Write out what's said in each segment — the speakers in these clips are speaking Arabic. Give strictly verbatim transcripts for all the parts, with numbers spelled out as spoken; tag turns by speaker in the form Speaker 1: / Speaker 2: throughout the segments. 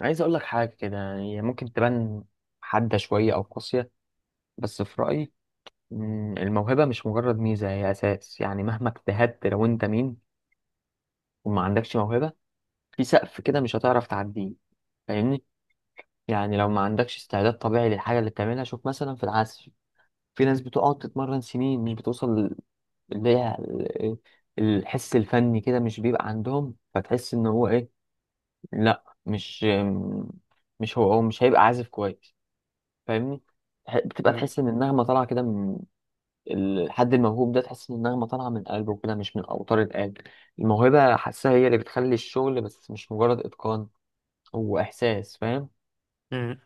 Speaker 1: عايز اقول لك حاجه كده، يعني هي ممكن تبان حاده شويه او قاسيه، بس في رايي. مم، الموهبه مش مجرد ميزه، هي اساس. يعني مهما اجتهدت، لو انت مين وما عندكش موهبه، في سقف كده مش هتعرف تعديه. فاهمني؟ يعني لو ما عندكش استعداد طبيعي للحاجه اللي بتعملها. شوف مثلا في العزف، في ناس بتقعد تتمرن سنين مش بتوصل. اللي هي ال- الحس الفني كده مش بيبقى عندهم، فتحس ان هو ايه؟ لا، مش مش هو هو مش هيبقى عازف كويس. فاهمني؟ تح- بتبقى
Speaker 2: مم.
Speaker 1: تحس ان النغمه طالعه كده من الحد الموهوب ده، تحس ان النغمه طالعه من قلبه كده، مش من اوتار القلب. الموهبه حاسها، هي اللي بتخلي الشغل، بس مش مجرد اتقان، هو احساس. فاهم؟
Speaker 2: مم.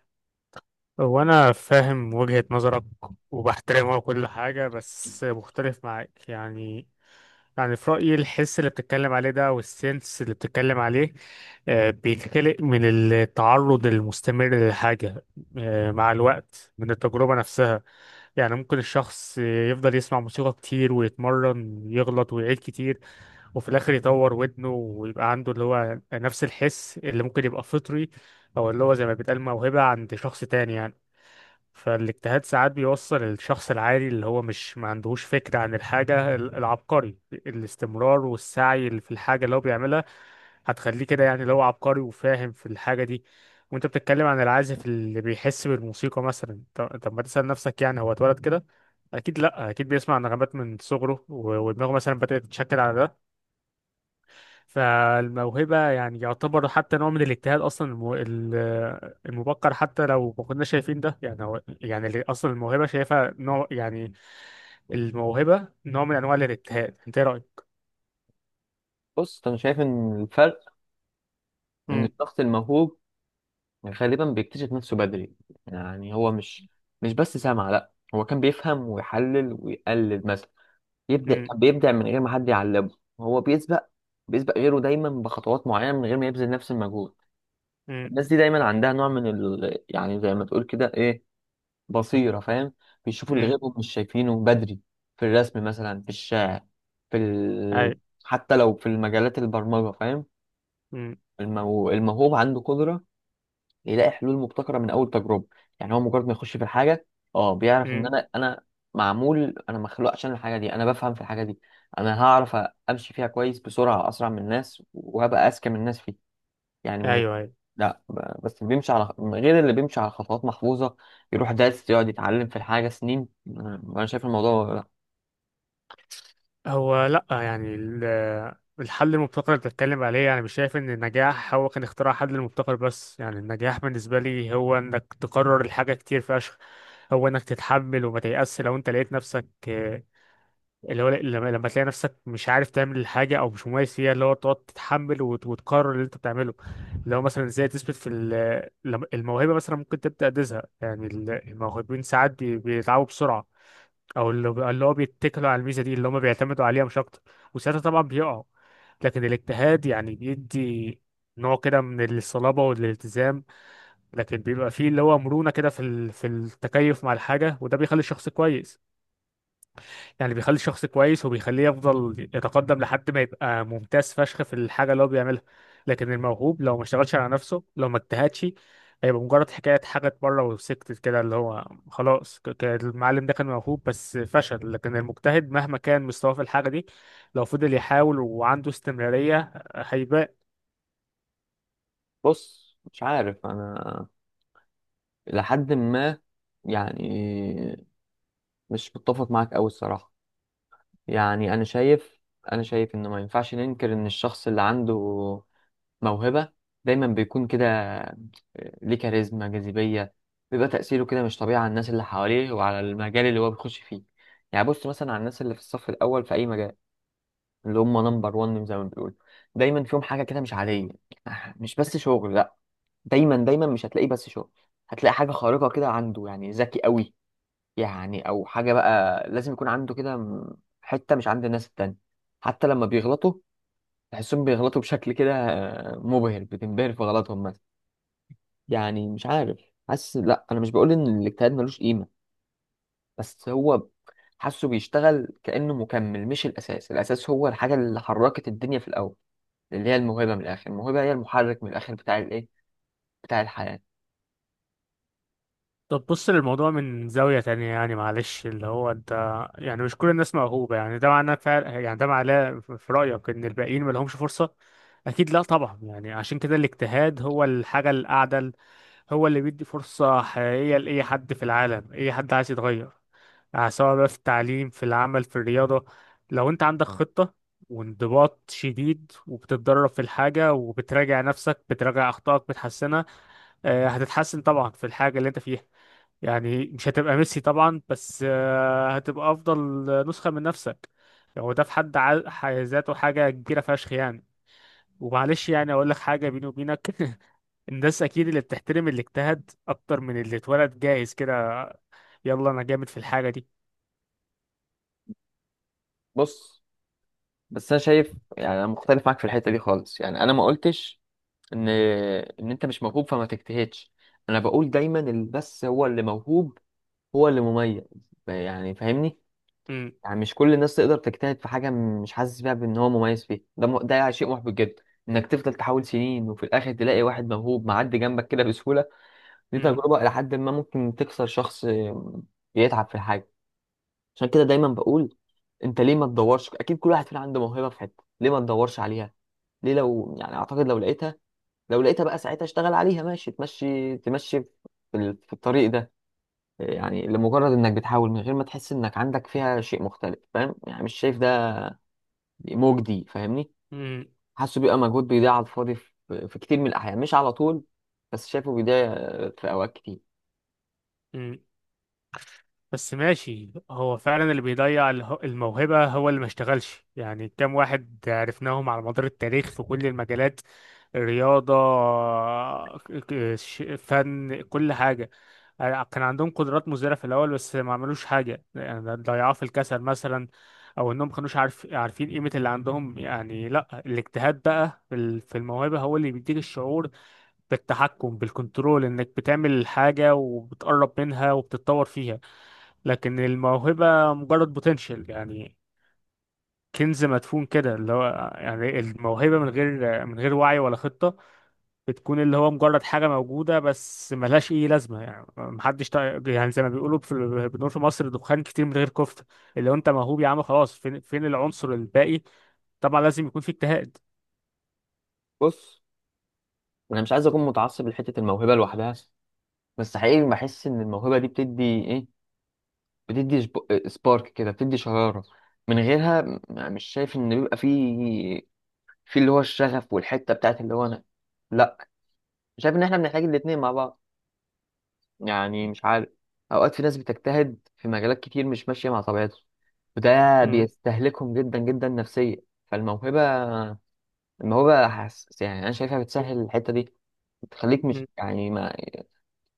Speaker 2: هو أنا فاهم وجهة نظرك وبحترمها وكل حاجة، بس مختلف معاك يعني يعني في رأيي الحس اللي بتتكلم عليه ده والسنس اللي بتتكلم عليه آه، بيتخلق من التعرض المستمر للحاجة، آه، مع الوقت من التجربة نفسها. يعني ممكن الشخص يفضل يسمع موسيقى كتير ويتمرن، يغلط ويعيد كتير، وفي الاخر يطور ودنه ويبقى عنده اللي هو نفس الحس اللي ممكن يبقى فطري، او اللي هو زي ما بيتقال موهبة عند شخص تاني يعني. فالاجتهاد ساعات بيوصل الشخص العادي اللي هو مش ما عندهوش فكرة عن الحاجة ال- العبقري، الاستمرار والسعي اللي في الحاجة اللي هو بيعملها هتخليه كده، يعني اللي هو عبقري وفاهم في الحاجة دي. وانت بتتكلم عن العازف اللي بيحس بالموسيقى مثلا، طب طب ما تسأل نفسك يعني هو اتولد كده؟ اكيد لا، اكيد بيسمع نغمات من صغره و- ودماغه مثلا بدأت تتشكل على ده. فالموهبة يعني يعتبر حتى نوع من الاجتهاد أصلا الم- ال- المبكر، حتى لو ما كنا شايفين ده. يعني هو يعني اللي أصلا الموهبة شايفها نوع يعني. الموهبة نوع من أنواع الاجتهاد. أنت إيه رأيك؟
Speaker 1: بص، انا شايف ان الفرق ان
Speaker 2: أمم،
Speaker 1: الشخص الموهوب غالبا بيكتشف نفسه بدري. يعني هو مش مش بس سمع، لا، هو كان بيفهم ويحلل ويقلد مثلا، يبدأ
Speaker 2: أمم،
Speaker 1: كان بيبدع من غير ما حد يعلمه. هو بيسبق، بيسبق غيره دايما بخطوات معينة من غير ما يبذل نفس المجهود.
Speaker 2: أمم،
Speaker 1: الناس دي دايما عندها نوع من ال... يعني زي ما تقول كده، ايه، بصيرة. فاهم؟ بيشوفوا اللي
Speaker 2: أمم،
Speaker 1: غيرهم مش شايفينه بدري، في الرسم مثلا، في الشعر، في ال...
Speaker 2: أيوه.
Speaker 1: حتى لو في المجالات، البرمجة. فاهم؟
Speaker 2: أمم،
Speaker 1: المو... الموهوب عنده قدرة يلاقي حلول مبتكرة من أول تجربة. يعني هو مجرد ما يخش في الحاجة، اه، بيعرف إن
Speaker 2: أمم،
Speaker 1: أنا أنا معمول، أنا مخلوق عشان الحاجة دي، أنا بفهم في الحاجة دي، أنا هعرف أمشي فيها كويس بسرعة، أسرع من الناس، وهبقى أذكى من الناس فيها. يعني من،
Speaker 2: أيوه، أيوه.
Speaker 1: لا، ب- بس بيمشي على غير اللي بيمشي على خطوات محفوظة يروح دارس يقعد يتعلم في الحاجة سنين. أنا أنا شايف الموضوع لا.
Speaker 2: هو لأ، يعني ال- الحل المبتكر اللي بتتكلم عليه، يعني مش شايف إن النجاح هو كان اختراع حل المبتكر بس. يعني النجاح بالنسبة لي هو إنك تكرر الحاجة كتير فشخ، هو إنك تتحمل وما تيأس لو أنت لقيت نفسك آه، اللي هو لما لما تلاقي نفسك مش عارف تعمل الحاجة أو مش مميز فيها اللي هو تقعد تتحمل وت- وتكرر اللي أنت بتعمله. اللي هو مثلا إزاي تثبت في ال- لما- الموهبة، مثلا ممكن تبدأ تزهق يعني ال- الموهوبين ساعات بي- بيتعبوا بسرعة، او اللي اللي هو بيتكلوا على الميزه دي اللي هم بيعتمدوا عليها مش اكتر، وساعتها طبعا بيقعوا. لكن الاجتهاد يعني بيدي نوع كده من الصلابه والالتزام، لكن بيبقى فيه اللي هو مرونه كده في ال- في التكيف مع الحاجه، وده بيخلي الشخص كويس. يعني بيخلي الشخص كويس وبيخليه يفضل يتقدم لحد ما يبقى ممتاز فشخ في الحاجة اللي هو بيعملها. لكن الموهوب لو ما اشتغلش على نفسه، لو ما اجتهدش، هيبقى مجرد حكاية حاجة بره وسكتت كده اللي هو خلاص. ك- ك- المعلم ده كان موهوب بس فشل، لكن المجتهد مهما كان مستواه في الحاجة دي، لو فضل يحاول وعنده استمرارية هيبان.
Speaker 1: بص، مش عارف، أنا لحد ما، يعني، مش متفق معاك أوي الصراحة. يعني انا شايف انا شايف انه ما ينفعش ننكر ان الشخص اللي عنده موهبة دايما بيكون كده، آه، ليه كاريزما، جاذبية، بيبقى تأثيره كده مش طبيعي على الناس اللي حواليه وعلى المجال اللي هو بيخش فيه. يعني بص مثلا على الناس اللي في الصف الأول في أي مجال، اللي هم نمبر ون زي ما بيقولوا، دايما فيهم حاجة كده مش عادية، آه، مش بس شغل، لأ، دايما دايما مش هتلاقيه بس شغل، هتلاقي حاجة خارقة كده عنده. يعني ذكي قوي، يعني او حاجه بقى لازم يكون عنده كده، م- حته مش عند الناس التانية. حتى لما بيغلطوا، تحسهم بيغلطوا بشكل كده، آه، مبهر، بتنبهر في غلطهم مثلا. يعني مش عارف، حاسس، لا انا مش بقول ان الاجتهاد ملوش قيمه، بس هو حاسه بيشتغل كانه مكمل مش الاساس. الاساس هو الحاجه اللي حركت الدنيا في الاول، اللي هي الموهبه. من الاخر الموهبه هي المحرك من الاخر بتاع الايه، بتاع الحياه.
Speaker 2: طب بص للموضوع من زاوية تانية، يعني معلش اللي هو انت، يعني مش كل الناس موهوبة. يعني ده معناه فعلا، يعني ده معناه في رأيك ان الباقيين ما لهمش فرصة؟ اكيد لا طبعا. يعني عشان كده الاجتهاد هو الحاجة الأعدل، هو اللي بيدي فرصة حقيقية لأي حد في العالم، أي حد عايز يتغير. يعني سواء بقى في التعليم، في العمل، في الرياضة، لو انت عندك خطة وانضباط شديد، وبتتدرب في الحاجة، وبتراجع نفسك، بتراجع أخطائك بتحسنها، آه، هتتحسن طبعا في الحاجة اللي انت فيها. يعني مش هتبقى ميسي طبعا، بس آه، هتبقى افضل نسخة من نفسك. يعني هو ده في حد ع- ح- ذاته حاجة كبيرة فشخ يعني. ومعلش يعني اقول لك حاجة بيني وبينك الناس اكيد اللي بتحترم اللي اجتهد اكتر من اللي اتولد جاهز كده. يلا، انا جامد في الحاجة دي.
Speaker 1: بص، بس انا شايف، يعني انا مختلف معاك في الحته دي خالص. يعني انا ما قلتش ان ان انت مش موهوب فما تجتهدش. انا بقول دايما اللي بس هو اللي موهوب هو اللي مميز. يعني فاهمني؟
Speaker 2: م-
Speaker 1: يعني مش كل الناس تقدر تجتهد في حاجه مش حاسس بيها بان هو مميز فيها. ده م... ده شيء محبط جدا انك تفضل تحاول سنين وفي الاخر تلاقي واحد موهوب معدي جنبك كده بسهوله. دي
Speaker 2: م-
Speaker 1: تجربه الى حد ما ممكن تكسر شخص بيتعب في الحاجه. عشان كده دايما بقول انت ليه ما تدورش؟ اكيد كل واحد فينا عنده موهبه في حته، ليه ما تدورش عليها؟ ليه؟ لو يعني اعتقد لو لقيتها، لو لقيتها بقى ساعتها اشتغل عليها ماشي، تمشي تمشي في ال- في الطريق ده. يعني لمجرد انك بتحاول من غير ما تحس انك عندك فيها شيء مختلف، فاهم، يعني مش شايف ده مجدي. فاهمني؟
Speaker 2: م-
Speaker 1: حاسه بيبقى مجهود بيضيع على الفاضي في في كتير من الاحيان، مش على طول، بس شايفه بيضيع في اوقات كتير.
Speaker 2: م. بس ماشي. هو فعلا اللي بيضيع اله- الموهبة هو اللي ما اشتغلش. يعني كام واحد عرفناهم على مدار التاريخ في كل المجالات، رياضة، ك- ش- فن، كل حاجة، كان عندهم قدرات مزدهرة في الأول بس ما عملوش حاجة. يعني ضيعوها في الكسل مثلا، أو إنهم ما كانوش عارف عارفين قيمة اللي عندهم. يعني لأ، الاجتهاد بقى في ال- في الموهبة هو اللي بيديك الشعور بالتحكم، بالكنترول، إنك بتعمل حاجة وبتقرب منها وبتتطور فيها. لكن الموهبة مجرد بوتنشال يعني، كنز مدفون كده اللي هو. يعني الموهبة من غير من غير وعي ولا خطة، بتكون اللي هو مجرد حاجة موجودة بس ملهاش أي لازمة. يعني محدش تا- يعني زي ما بيقولوا، في بنقول في مصر دخان كتير من غير كفتة. اللي هو أنت موهوب يا عم خلاص، فين فين العنصر الباقي؟ طبعا لازم يكون في اجتهاد.
Speaker 1: بص، انا مش عايز اكون متعصب لحته الموهبه لوحدها، بس حقيقي بحس ان الموهبه دي بتدي ايه، بتدي سبارك كده، بتدي شراره. من غيرها، م- مش شايف ان بيبقى فيه في اللي هو الشغف والحته بتاعت اللي هو انا. لا، شايف ان احنا بنحتاج الاتنين مع بعض. يعني مش عارف، اوقات في ناس بتجتهد في مجالات كتير مش ماشيه مع طبيعتهم، وده
Speaker 2: م-
Speaker 1: بيستهلكهم جدا جدا نفسيا. فالموهبه، الموهبه حس، يعني انا شايفها بتسهل الحته دي، بتخليك مش
Speaker 2: م-
Speaker 1: يعني ما،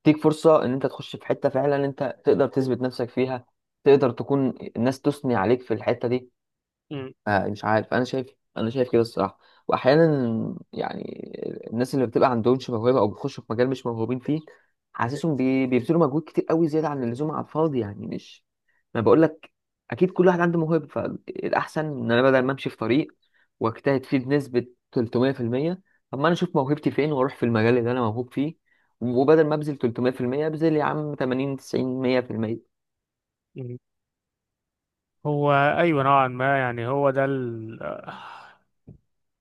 Speaker 1: تديك فرصه ان انت تخش في حته فعلا انت تقدر تثبت نفسك فيها، تقدر تكون الناس تثني عليك في الحته دي.
Speaker 2: م-
Speaker 1: آه، مش عارف، انا شايف انا شايف كده الصراحه. واحيانا يعني الناس اللي بتبقى عندهمش موهبه او بيخشوا في مجال مش موهوبين فيه، حاسسهم بي- بيبذلوا مجهود كتير قوي زياده عن اللزوم على الفاضي. يعني مش، ما بقول لك، اكيد كل واحد عنده موهبه، فالاحسن ان انا بدل ما امشي في طريق واجتهد فيه بنسبه تلت مية في المية، طب ما انا اشوف موهبتي فين واروح في المجال اللي انا موهوب فيه، وبدل ما ابذل تلت مية في المية ابذل يا عم تمانين تسعين مية في المية.
Speaker 2: م. هو أيوة نوعا ما، يعني هو ده ال...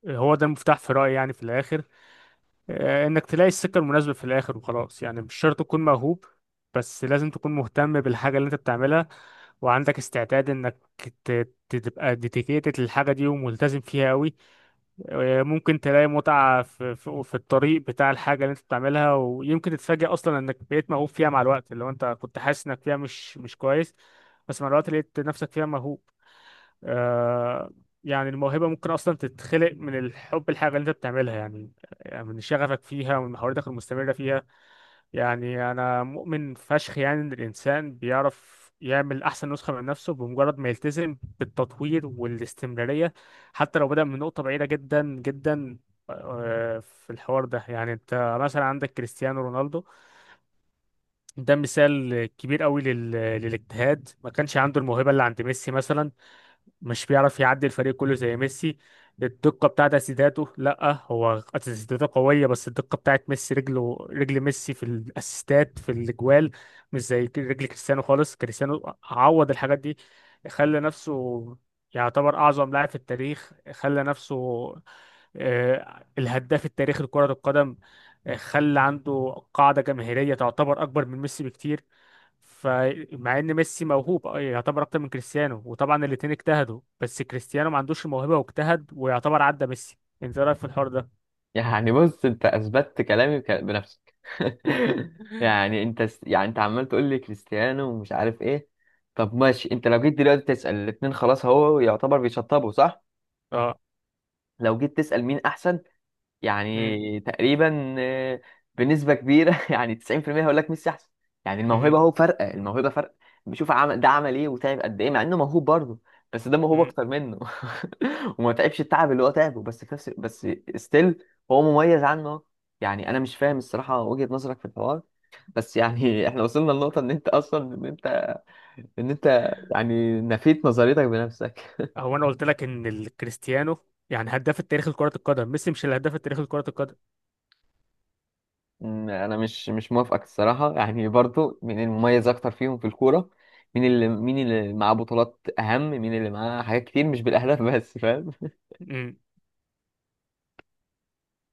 Speaker 2: هو ده المفتاح في رأيي، يعني في الآخر آه، انك تلاقي السكة المناسبة في الاخر وخلاص. يعني مش شرط تكون موهوب، بس لازم تكون مهتم بالحاجة اللي انت بتعملها، وعندك استعداد انك ت- ت- تبقى ديديكيتد للحاجة دي وملتزم فيها قوي. آه، ممكن تلاقي متعة في, في, في الطريق بتاع الحاجة اللي انت بتعملها، ويمكن تتفاجئ اصلا انك بقيت موهوب فيها مع الوقت لو انت كنت حاسس انك فيها مش مش كويس، بس مع الوقت لقيت نفسك فيها موهوب. آه. يعني الموهبة ممكن أصلا تتخلق من الحب الحاجة اللي أنت بتعملها، يعني يعني من شغفك فيها ومن محاولتك المستمرة فيها. يعني أنا مؤمن فشخ يعني إن الإنسان بيعرف يعمل أحسن نسخة من نفسه بمجرد ما يلتزم بالتطوير والاستمرارية، حتى لو بدأ من نقطة بعيدة جدا جدا. آه، في الحوار ده، يعني أنت مثلا عندك كريستيانو رونالدو، ده مثال كبير قوي لل... للاجتهاد. ما كانش عنده الموهبة اللي عند ميسي مثلا، مش بيعرف يعدي الفريق كله زي ميسي. الدقة بتاعت اسيستاته، لا هو اسيستاته قوية، بس الدقة بتاعت ميسي، رجله، رجل ميسي في الاسيستات في الاجوال مش زي رجل كريستيانو خالص. كريستيانو عوض الحاجات دي، خلى نفسه يعتبر أعظم لاعب في التاريخ، خلى نفسه آه، الهداف التاريخي لكرة القدم، آه، خلى عنده قاعدة جماهيرية تعتبر أكبر من ميسي بكتير. فمع ان ميسي موهوب آه، يعتبر اكتر من كريستيانو، وطبعا الاتنين اجتهدوا، بس كريستيانو ما عندوش الموهبة واجتهد ويعتبر عدى ميسي. انت إيه رايك في الحوار ده؟
Speaker 1: يعني بص، انت اثبتت كلامي بك- بنفسك. يعني انت س- يعني انت عمال تقول لي كريستيانو ومش عارف ايه. طب ماشي، انت لو جيت دلوقتي تسأل الاتنين خلاص هو يعتبر بيشطبوا صح؟
Speaker 2: اه.
Speaker 1: لو جيت تسأل مين احسن،
Speaker 2: مم.
Speaker 1: يعني تقريبا، آه، بنسبة كبيرة، يعني تسعين في المية هيقول لك ميسي احسن. يعني
Speaker 2: مم.
Speaker 1: الموهبة هو فرق، الموهبة فرق. بشوف عمل ده عمل ايه وتعب قد ايه، مع انه موهوب برضه، بس ده موهوب
Speaker 2: مم.
Speaker 1: اكتر منه. وما تعبش التعب اللي هو تعبه، بس في نفس، بس ستيل هو مميز عنه. يعني انا مش فاهم الصراحة وجهة نظرك في الحوار، بس يعني احنا وصلنا لنقطة ان انت اصلا، ان انت ان انت يعني نفيت نظريتك بنفسك.
Speaker 2: هو انا قلت لك ان الكريستيانو يعني هداف التاريخ لكرة القدم، ميسي مش الهداف التاريخي لكرة
Speaker 1: مم، انا مش مش موافقك الصراحه. يعني برضو مين المميز اكتر فيهم في الكوره؟ مين اللي، مين اللي معاه بطولات اهم، مين اللي معاه حاجات كتير مش بالاهداف؟ بس فاهم
Speaker 2: القدم.